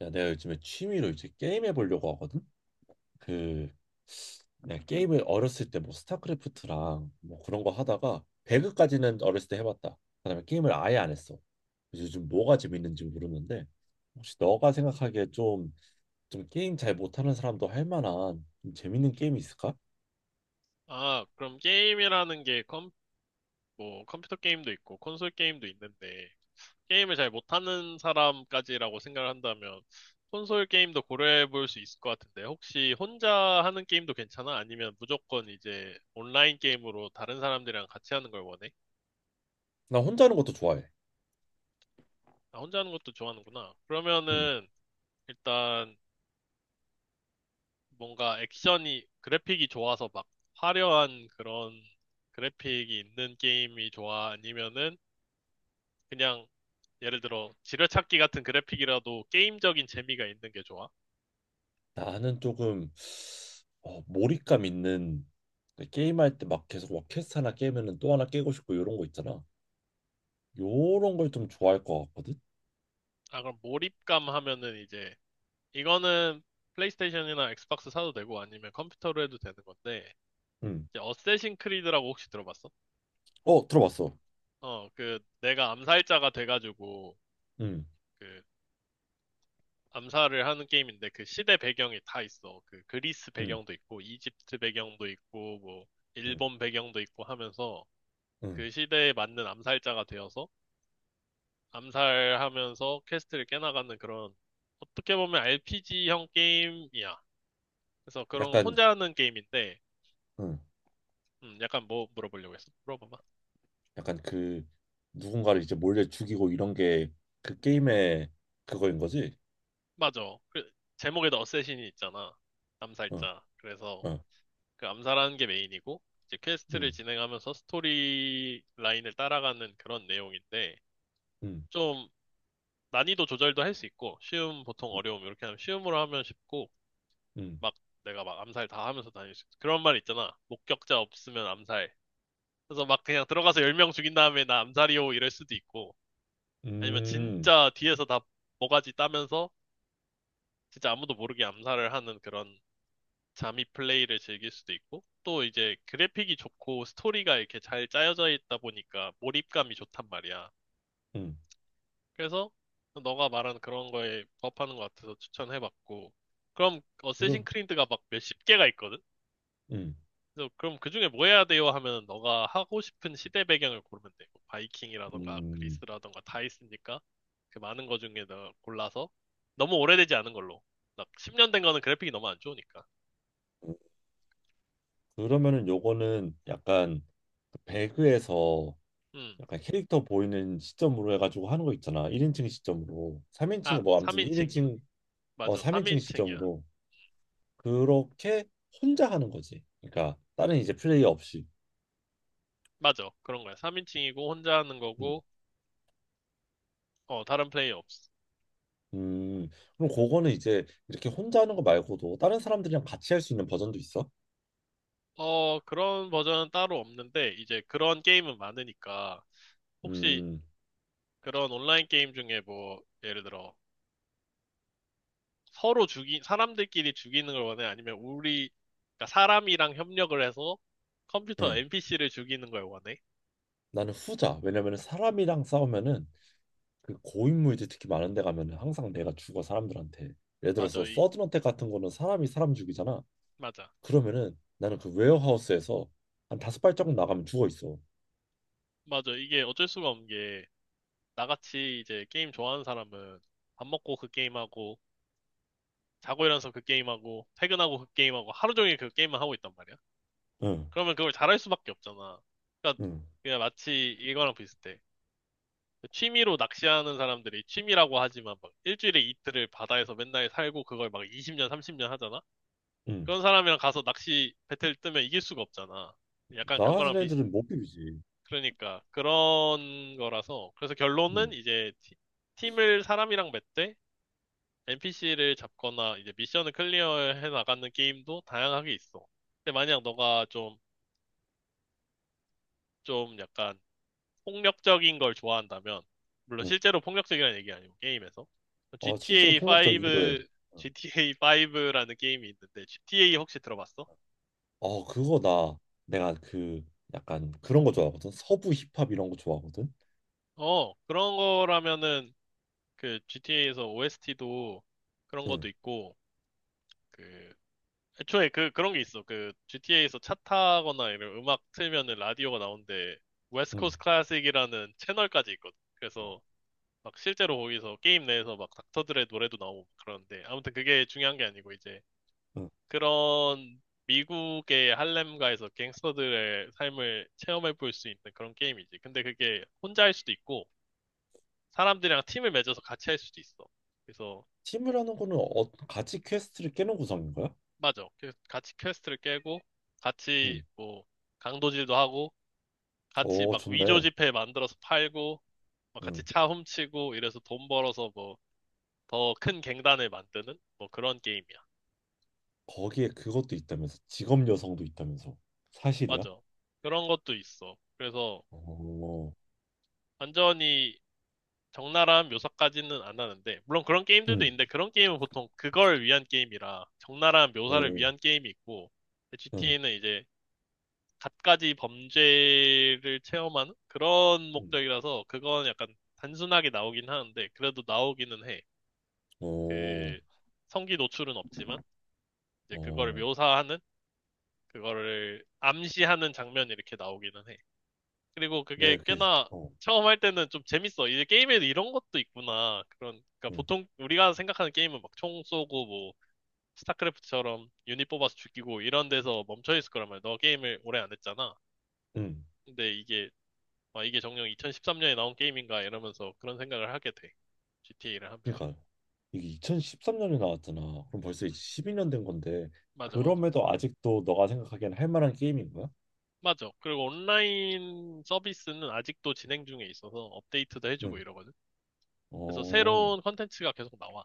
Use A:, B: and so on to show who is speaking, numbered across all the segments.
A: 야, 내가 요즘에 취미로 이제 게임 해보려고 하거든. 그 내가 게임을 어렸을 때 뭐 스타크래프트랑 뭐 그런 거 하다가 배그까지는 어렸을 때 해봤다. 그다음에 게임을 아예 안 했어. 그래서 요즘 뭐가 재밌는지 모르는데 혹시 너가 생각하기에 좀 게임 잘 못하는 사람도 할 만한 좀 재밌는 게임이 있을까?
B: 아, 그럼 게임이라는 게 뭐, 컴퓨터 게임도 있고 콘솔 게임도 있는데 게임을 잘 못하는 사람까지라고 생각을 한다면 콘솔 게임도 고려해 볼 수 있을 것 같은데 혹시 혼자 하는 게임도 괜찮아? 아니면 무조건 이제 온라인 게임으로 다른 사람들이랑 같이 하는 걸 원해?
A: 나 혼자 하는 것도 좋아해.
B: 아, 혼자 하는 것도 좋아하는구나.
A: 음,
B: 그러면은 일단 뭔가 액션이 그래픽이 좋아서 막 화려한 그런 그래픽이 있는 게임이 좋아? 아니면은 그냥 예를 들어 지뢰찾기 같은 그래픽이라도 게임적인 재미가 있는 게 좋아?
A: 나는 조금 몰입감 있는 그 게임할 때 막 계속 막 퀘스트 하나 깨면은 또 하나 깨고 싶고 이런 거 있잖아. 요런 걸 좀 좋아할 것 같거든.
B: 아, 그럼 몰입감 하면은 이제 이거는 플레이스테이션이나 엑스박스 사도 되고 아니면 컴퓨터로 해도 되는 건데
A: 음.
B: 이제 어쌔신 크리드라고 혹시 들어봤어?
A: 어, 들어봤어.
B: 어, 그 내가 암살자가 돼가지고
A: 음.
B: 그 암살을 하는 게임인데 그 시대 배경이 다 있어. 그 그리스
A: 음.
B: 배경도 있고 이집트 배경도 있고 뭐
A: 음.
B: 일본 배경도 있고 하면서
A: 음.
B: 그 시대에 맞는 암살자가 되어서 암살하면서 퀘스트를 깨나가는 그런 어떻게 보면 RPG형 게임이야. 그래서 그런 거
A: 약간
B: 혼자 하는 게임인데
A: 음.
B: 약간 뭐 물어보려고 했어. 물어봐봐.
A: 약간 누군가를 이제 몰래 죽이고 이런 게 그 게임의 그거인 거지?
B: 맞아. 그 제목에도 어쌔신이 있잖아.
A: 어.
B: 암살자. 그래서
A: 어.
B: 그 암살하는 게 메인이고 이제 퀘스트를
A: 음.
B: 진행하면서 스토리 라인을 따라가는 그런 내용인데
A: 음.
B: 좀 난이도 조절도 할 수 있고 쉬움 보통 어려움 이렇게 하면 쉬움으로 하면 쉽고
A: 음.
B: 막 내가 막 암살 다 하면서 다닐 수 있어. 그런 말 있잖아. 목격자 없으면 암살. 그래서 막 그냥 들어가서 10명 죽인 다음에 나 암살이요 이럴 수도 있고 아니면
A: 음.
B: 진짜 뒤에서 다 모가지 따면서 진짜 아무도 모르게 암살을 하는 그런 잠입 플레이를 즐길 수도 있고 또 이제 그래픽이 좋고 스토리가 이렇게 잘 짜여져 있다 보니까 몰입감이 좋단 말이야.
A: 음.
B: 그래서 너가 말한 그런 거에 부합하는 것 같아서 추천해봤고 그럼 어쌔신
A: 그럼
B: 크리드가 막 몇십 개가 있거든?
A: 음.
B: 그래서 그럼 그 중에 뭐 해야 돼요? 하면 너가 하고 싶은 시대 배경을 고르면 돼. 뭐 바이킹이라던가
A: 음.
B: 그리스라던가 다 있으니까 그 많은 거 중에 너 골라서 너무 오래되지 않은 걸로. 막 10년 된 거는 그래픽이 너무 안 좋으니까.
A: 그러면은 요거는 약간 그 배그에서
B: 음.
A: 약간 캐릭터 보이는 시점으로 해가지고 하는 거 있잖아. 1인칭 시점으로.
B: 아,
A: 3인칭이 뭐 아무튼
B: 3인칭.
A: 1인칭
B: 맞아.
A: 3인칭
B: 3인칭이야.
A: 시점으로 그렇게 혼자 하는 거지. 그러니까 다른 이제 플레이 없이.
B: 맞아. 그런 거야. 3인칭이고 혼자 하는
A: 음.
B: 거고 어, 다른 플레이 없.
A: 음, 그럼 그거는 이제 이렇게 혼자 하는 거 말고도 다른 사람들이랑 같이 할 수 있는 버전도 있어?
B: 어, 그런 버전은 따로 없는데 이제 그런 게임은 많으니까 혹시
A: 음,
B: 그런 온라인 게임 중에 뭐 예를 들어 서로 죽이, 사람들끼리 죽이는 걸 원해? 아니면 우리, 그러니까 사람이랑 협력을 해서 컴퓨터
A: 네.
B: NPC를 죽이는 걸 원해?
A: 나는 후자. 왜냐면은 사람이랑 싸우면은 그 고인물들 특히 많은 데 가면은 항상 내가 죽어 사람들한테. 예를
B: 맞아,
A: 들어서
B: 이,
A: 서든어택 같은 거는 사람이 사람 죽이잖아.
B: 맞아.
A: 그러면은 나는 그 웨어하우스에서 한 다섯 발자국 나가면 죽어 있어.
B: 맞아. 이게 어쩔 수가 없는 게, 나같이 이제 게임 좋아하는 사람은 밥 먹고 그 게임하고, 자고 일어나서 그 게임하고, 퇴근하고 그 게임하고, 하루 종일 그 게임만 하고 있단 말이야.
A: 응,
B: 그러면 그걸 잘할 수밖에 없잖아. 그러니까
A: 응,
B: 그냥 마치 이거랑 비슷해. 그 취미로 낚시하는 사람들이 취미라고 하지만 막 일주일에 이틀을 바다에서 맨날 살고 그걸 막 20년, 30년 하잖아?
A: 응.
B: 그런 사람이랑 가서 낚시 배틀 뜨면 이길 수가 없잖아. 약간
A: 나가는
B: 그거랑 비슷,
A: 애들은 못 비비지.
B: 그러니까 그런 거라서. 그래서 결론은
A: 응.
B: 이제 팀을 사람이랑 맺되 NPC를 잡거나 이제 미션을 클리어해 나가는 게임도 다양하게 있어. 근데 만약 너가 좀 약간 폭력적인 걸 좋아한다면, 물론
A: 응.
B: 실제로 폭력적이라는 얘기 아니고 게임에서.
A: 어, 실제로
B: GTA
A: 폭력적이기도 해.
B: 5,
A: 응.
B: GTA 5라는 게임이 있는데 GTA 혹시 들어봤어?
A: 어, 그거 나 내가 약간 그런 거 좋아하거든. 서부 힙합 이런 거 좋아하거든.
B: 어, 그런 거라면은 그 GTA에서 OST도 그런
A: 응,
B: 것도 있고 그 애초에 그 그런 게 있어. 그 GTA에서 차 타거나 이런 음악 틀면은 라디오가 나오는데 웨스트
A: 응,
B: 코스트 클래식이라는 채널까지 있거든.
A: 응.
B: 그래서 막 실제로 거기서 게임 내에서 막 닥터들의 노래도 나오고 그러는데 아무튼 그게 중요한 게 아니고 이제
A: 응.
B: 그런 미국의 할렘가에서 갱스터들의 삶을 체험해 볼 수 있는 그런 게임이지. 근데 그게 혼자 할 수도 있고 사람들이랑 팀을 맺어서 같이 할 수도 있어. 그래서
A: 팀이라는 거는 같이 퀘스트를 깨는 구성인 거야?
B: 맞아. 같이 퀘스트를 깨고, 같이
A: 응.
B: 뭐, 강도질도 하고, 같이
A: 오,
B: 막 위조
A: 좋네.
B: 지폐 만들어서 팔고, 막 같이
A: 응.
B: 차 훔치고, 이래서 돈 벌어서 뭐, 더 큰 갱단을 만드는? 뭐 그런 게임이야.
A: 거기에 그것도 있다면서 직업 여성도 있다면서 사실이야?
B: 맞아. 그런 것도 있어. 그래서
A: 오,
B: 완전히 적나라한 묘사까지는 안 하는데, 물론 그런 게임들도
A: 응,
B: 있는데, 그런 게임은 보통 그걸 위한 게임이라, 적나라한 묘사를
A: 응,
B: 위한 게임이 있고, 그
A: 응,
B: GTA는 이제 갖가지 범죄를 체험하는 그런
A: 응.
B: 목적이라서 그건 약간 단순하게 나오긴 하는데 그래도 나오기는 해.
A: 오,
B: 그 성기 노출은 없지만 이제 그거를
A: 어,
B: 묘사하는 그거를 암시하는 장면이 이렇게 나오기는 해. 그리고 그게
A: 내가
B: 꽤나
A: 어,
B: 처음 할 때는 좀 재밌어. 이제 게임에도 이런 것도 있구나. 그런 그러니까
A: 응,
B: 보통 우리가 생각하는 게임은 막 총 쏘고 뭐 스타크래프트처럼 유닛 뽑아서 죽이고 이런 데서 멈춰 있을 거란 말이야. 너 게임을 오래 안 했잖아.
A: 응.
B: 근데 이게 아, 이게 정녕 2013년에 나온 게임인가 이러면서 그런 생각을 하게 돼. GTA를 하면.
A: 그러니까 이게 2013년에 나왔잖아. 그럼 벌써 이제
B: 음,
A: 12년 된 건데
B: 맞아.
A: 그럼에도 아직도 너가 생각하기엔 할 만한 게임인 거야?
B: 맞아. 그리고 온라인 서비스는 아직도 진행 중에 있어서 업데이트도 해주고
A: 응.
B: 이러거든. 그래서
A: 어,
B: 새로운 컨텐츠가 계속 나와.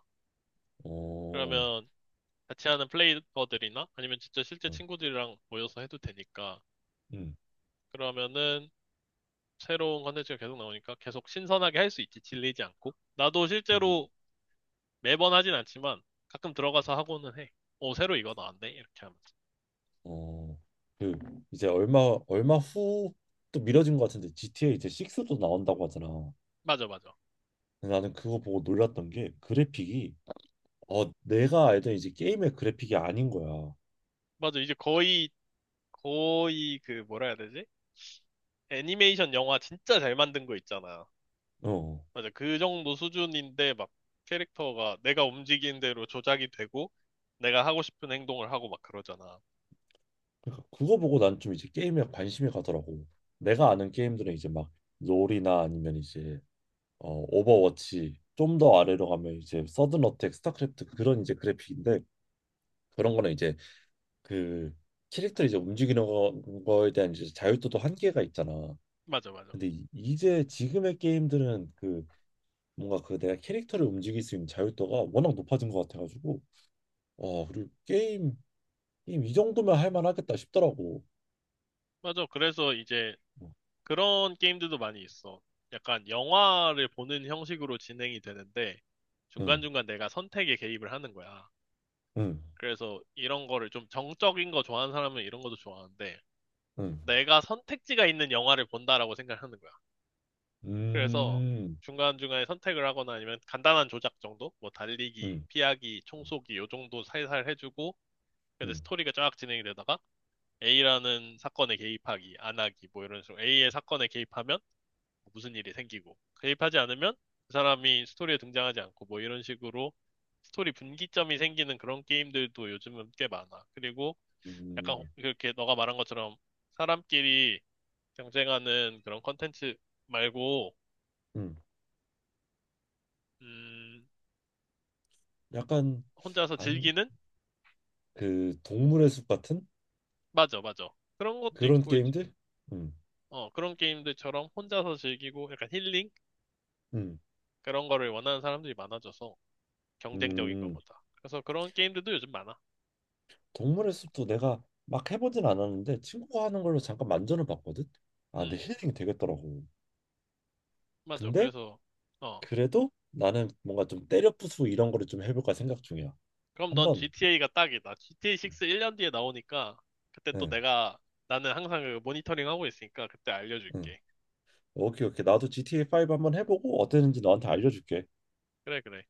A: 어,
B: 그러면 같이 하는 플레이어들이나 아니면 진짜 실제
A: 응,
B: 친구들이랑 모여서 해도 되니까.
A: 응,
B: 그러면은 새로운 컨텐츠가 계속 나오니까 계속 신선하게 할 수 있지. 질리지 않고. 나도
A: 응.
B: 실제로 매번 하진 않지만 가끔 들어가서 하고는 해. 오, 새로 이거 나왔네? 이렇게 하면서.
A: 어. 그 이제 얼마 후 또 미뤄진 것 같은데 GTA 이제 6도 나온다고 하잖아.
B: 맞아.
A: 근데 나는 그거 보고 놀랐던 게 그래픽이 내가 알던 이제 게임의 그래픽이 아닌 거야.
B: 맞아. 거의 그, 뭐라 해야 되지? 애니메이션 영화 진짜 잘 만든 거 있잖아.
A: 어.
B: 맞아. 그 정도 수준인데 막 캐릭터가 내가 움직이는 대로 조작이 되고 내가 하고 싶은 행동을 하고 막 그러잖아.
A: 그러니까 그거 보고 난 좀 이제 게임에 관심이 가더라고. 내가 아는 게임들은 이제 막 롤이나 아니면 이제 오버워치 좀 더 아래로 가면 이제 서든 어택, 스타크래프트 그런 이제 그래픽인데 그런 거는 이제 그 캐릭터 이제 움직이는 거, 거에 대한 이제 자유도도 한계가 있잖아.
B: 맞아.
A: 근데 이제 지금의 게임들은 뭔가 내가 캐릭터를 움직일 수 있는 자유도가 워낙 높아진 것 같아가지고 와 그리고 게임 이 정도면 할 만하겠다 싶더라고.
B: 맞아. 그래서 이제
A: 뭐,
B: 그런 게임들도 많이 있어. 약간 영화를 보는 형식으로 진행이 되는데
A: 응,
B: 중간중간 내가 선택에 개입을 하는 거야.
A: 응,
B: 그래서 이런 거를 좀 정적인 거 좋아하는 사람은 이런 것도 좋아하는데
A: 응.
B: 내가 선택지가 있는 영화를 본다라고 생각하는 거야. 그래서
A: 음,
B: 중간중간에 선택을 하거나 아니면 간단한 조작 정도? 뭐 달리기,
A: 음,
B: 피하기, 총쏘기 요 정도 살살 해주고 근데
A: 음,
B: 스토리가 쫙 진행이 되다가 A라는 사건에 개입하기, 안 하기 뭐 이런 식으로 A의 사건에 개입하면 무슨 일이 생기고 개입하지 않으면 그 사람이 스토리에 등장하지 않고 뭐 이런 식으로 스토리 분기점이 생기는 그런 게임들도 요즘은 꽤 많아. 그리고 약간
A: 음,
B: 그렇게 너가 말한 것처럼 사람끼리 경쟁하는 그런 컨텐츠 말고
A: 음.
B: 음,
A: 약간
B: 혼자서
A: 안,
B: 즐기는?
A: 그 동물의 숲 같은
B: 맞아. 그런 것도
A: 그런
B: 있고, 이제,
A: 게임들? 음,
B: 어, 그런 게임들처럼 혼자서 즐기고 약간 힐링?
A: 음,
B: 그런 거를 원하는 사람들이 많아져서 경쟁적인
A: 음.
B: 것보다. 그래서 그런 게임들도 요즘 많아.
A: 동물의 숲도 내가 막 해보진 않았는데 친구가 하는 걸로 잠깐 만전을 봤거든. 아, 근데
B: 음,
A: 힐링이 되겠더라고.
B: 맞아.
A: 근데
B: 그래서, 어.
A: 그래도 나는 뭔가 좀 때려 부수고 이런 거를 좀 해볼까 생각 중이야.
B: 그럼 넌
A: 한번.
B: GTA가 딱이다. GTA 6 1년 뒤에 나오니까 그때 또
A: 응,
B: 내가, 나는 항상 그 모니터링 하고 있으니까 그때
A: 응.
B: 알려줄게.
A: 오케이, 오케이. 나도 GTA 5 한번 해보고 어땠는지 너한테 알려줄게.
B: 그래, 그래.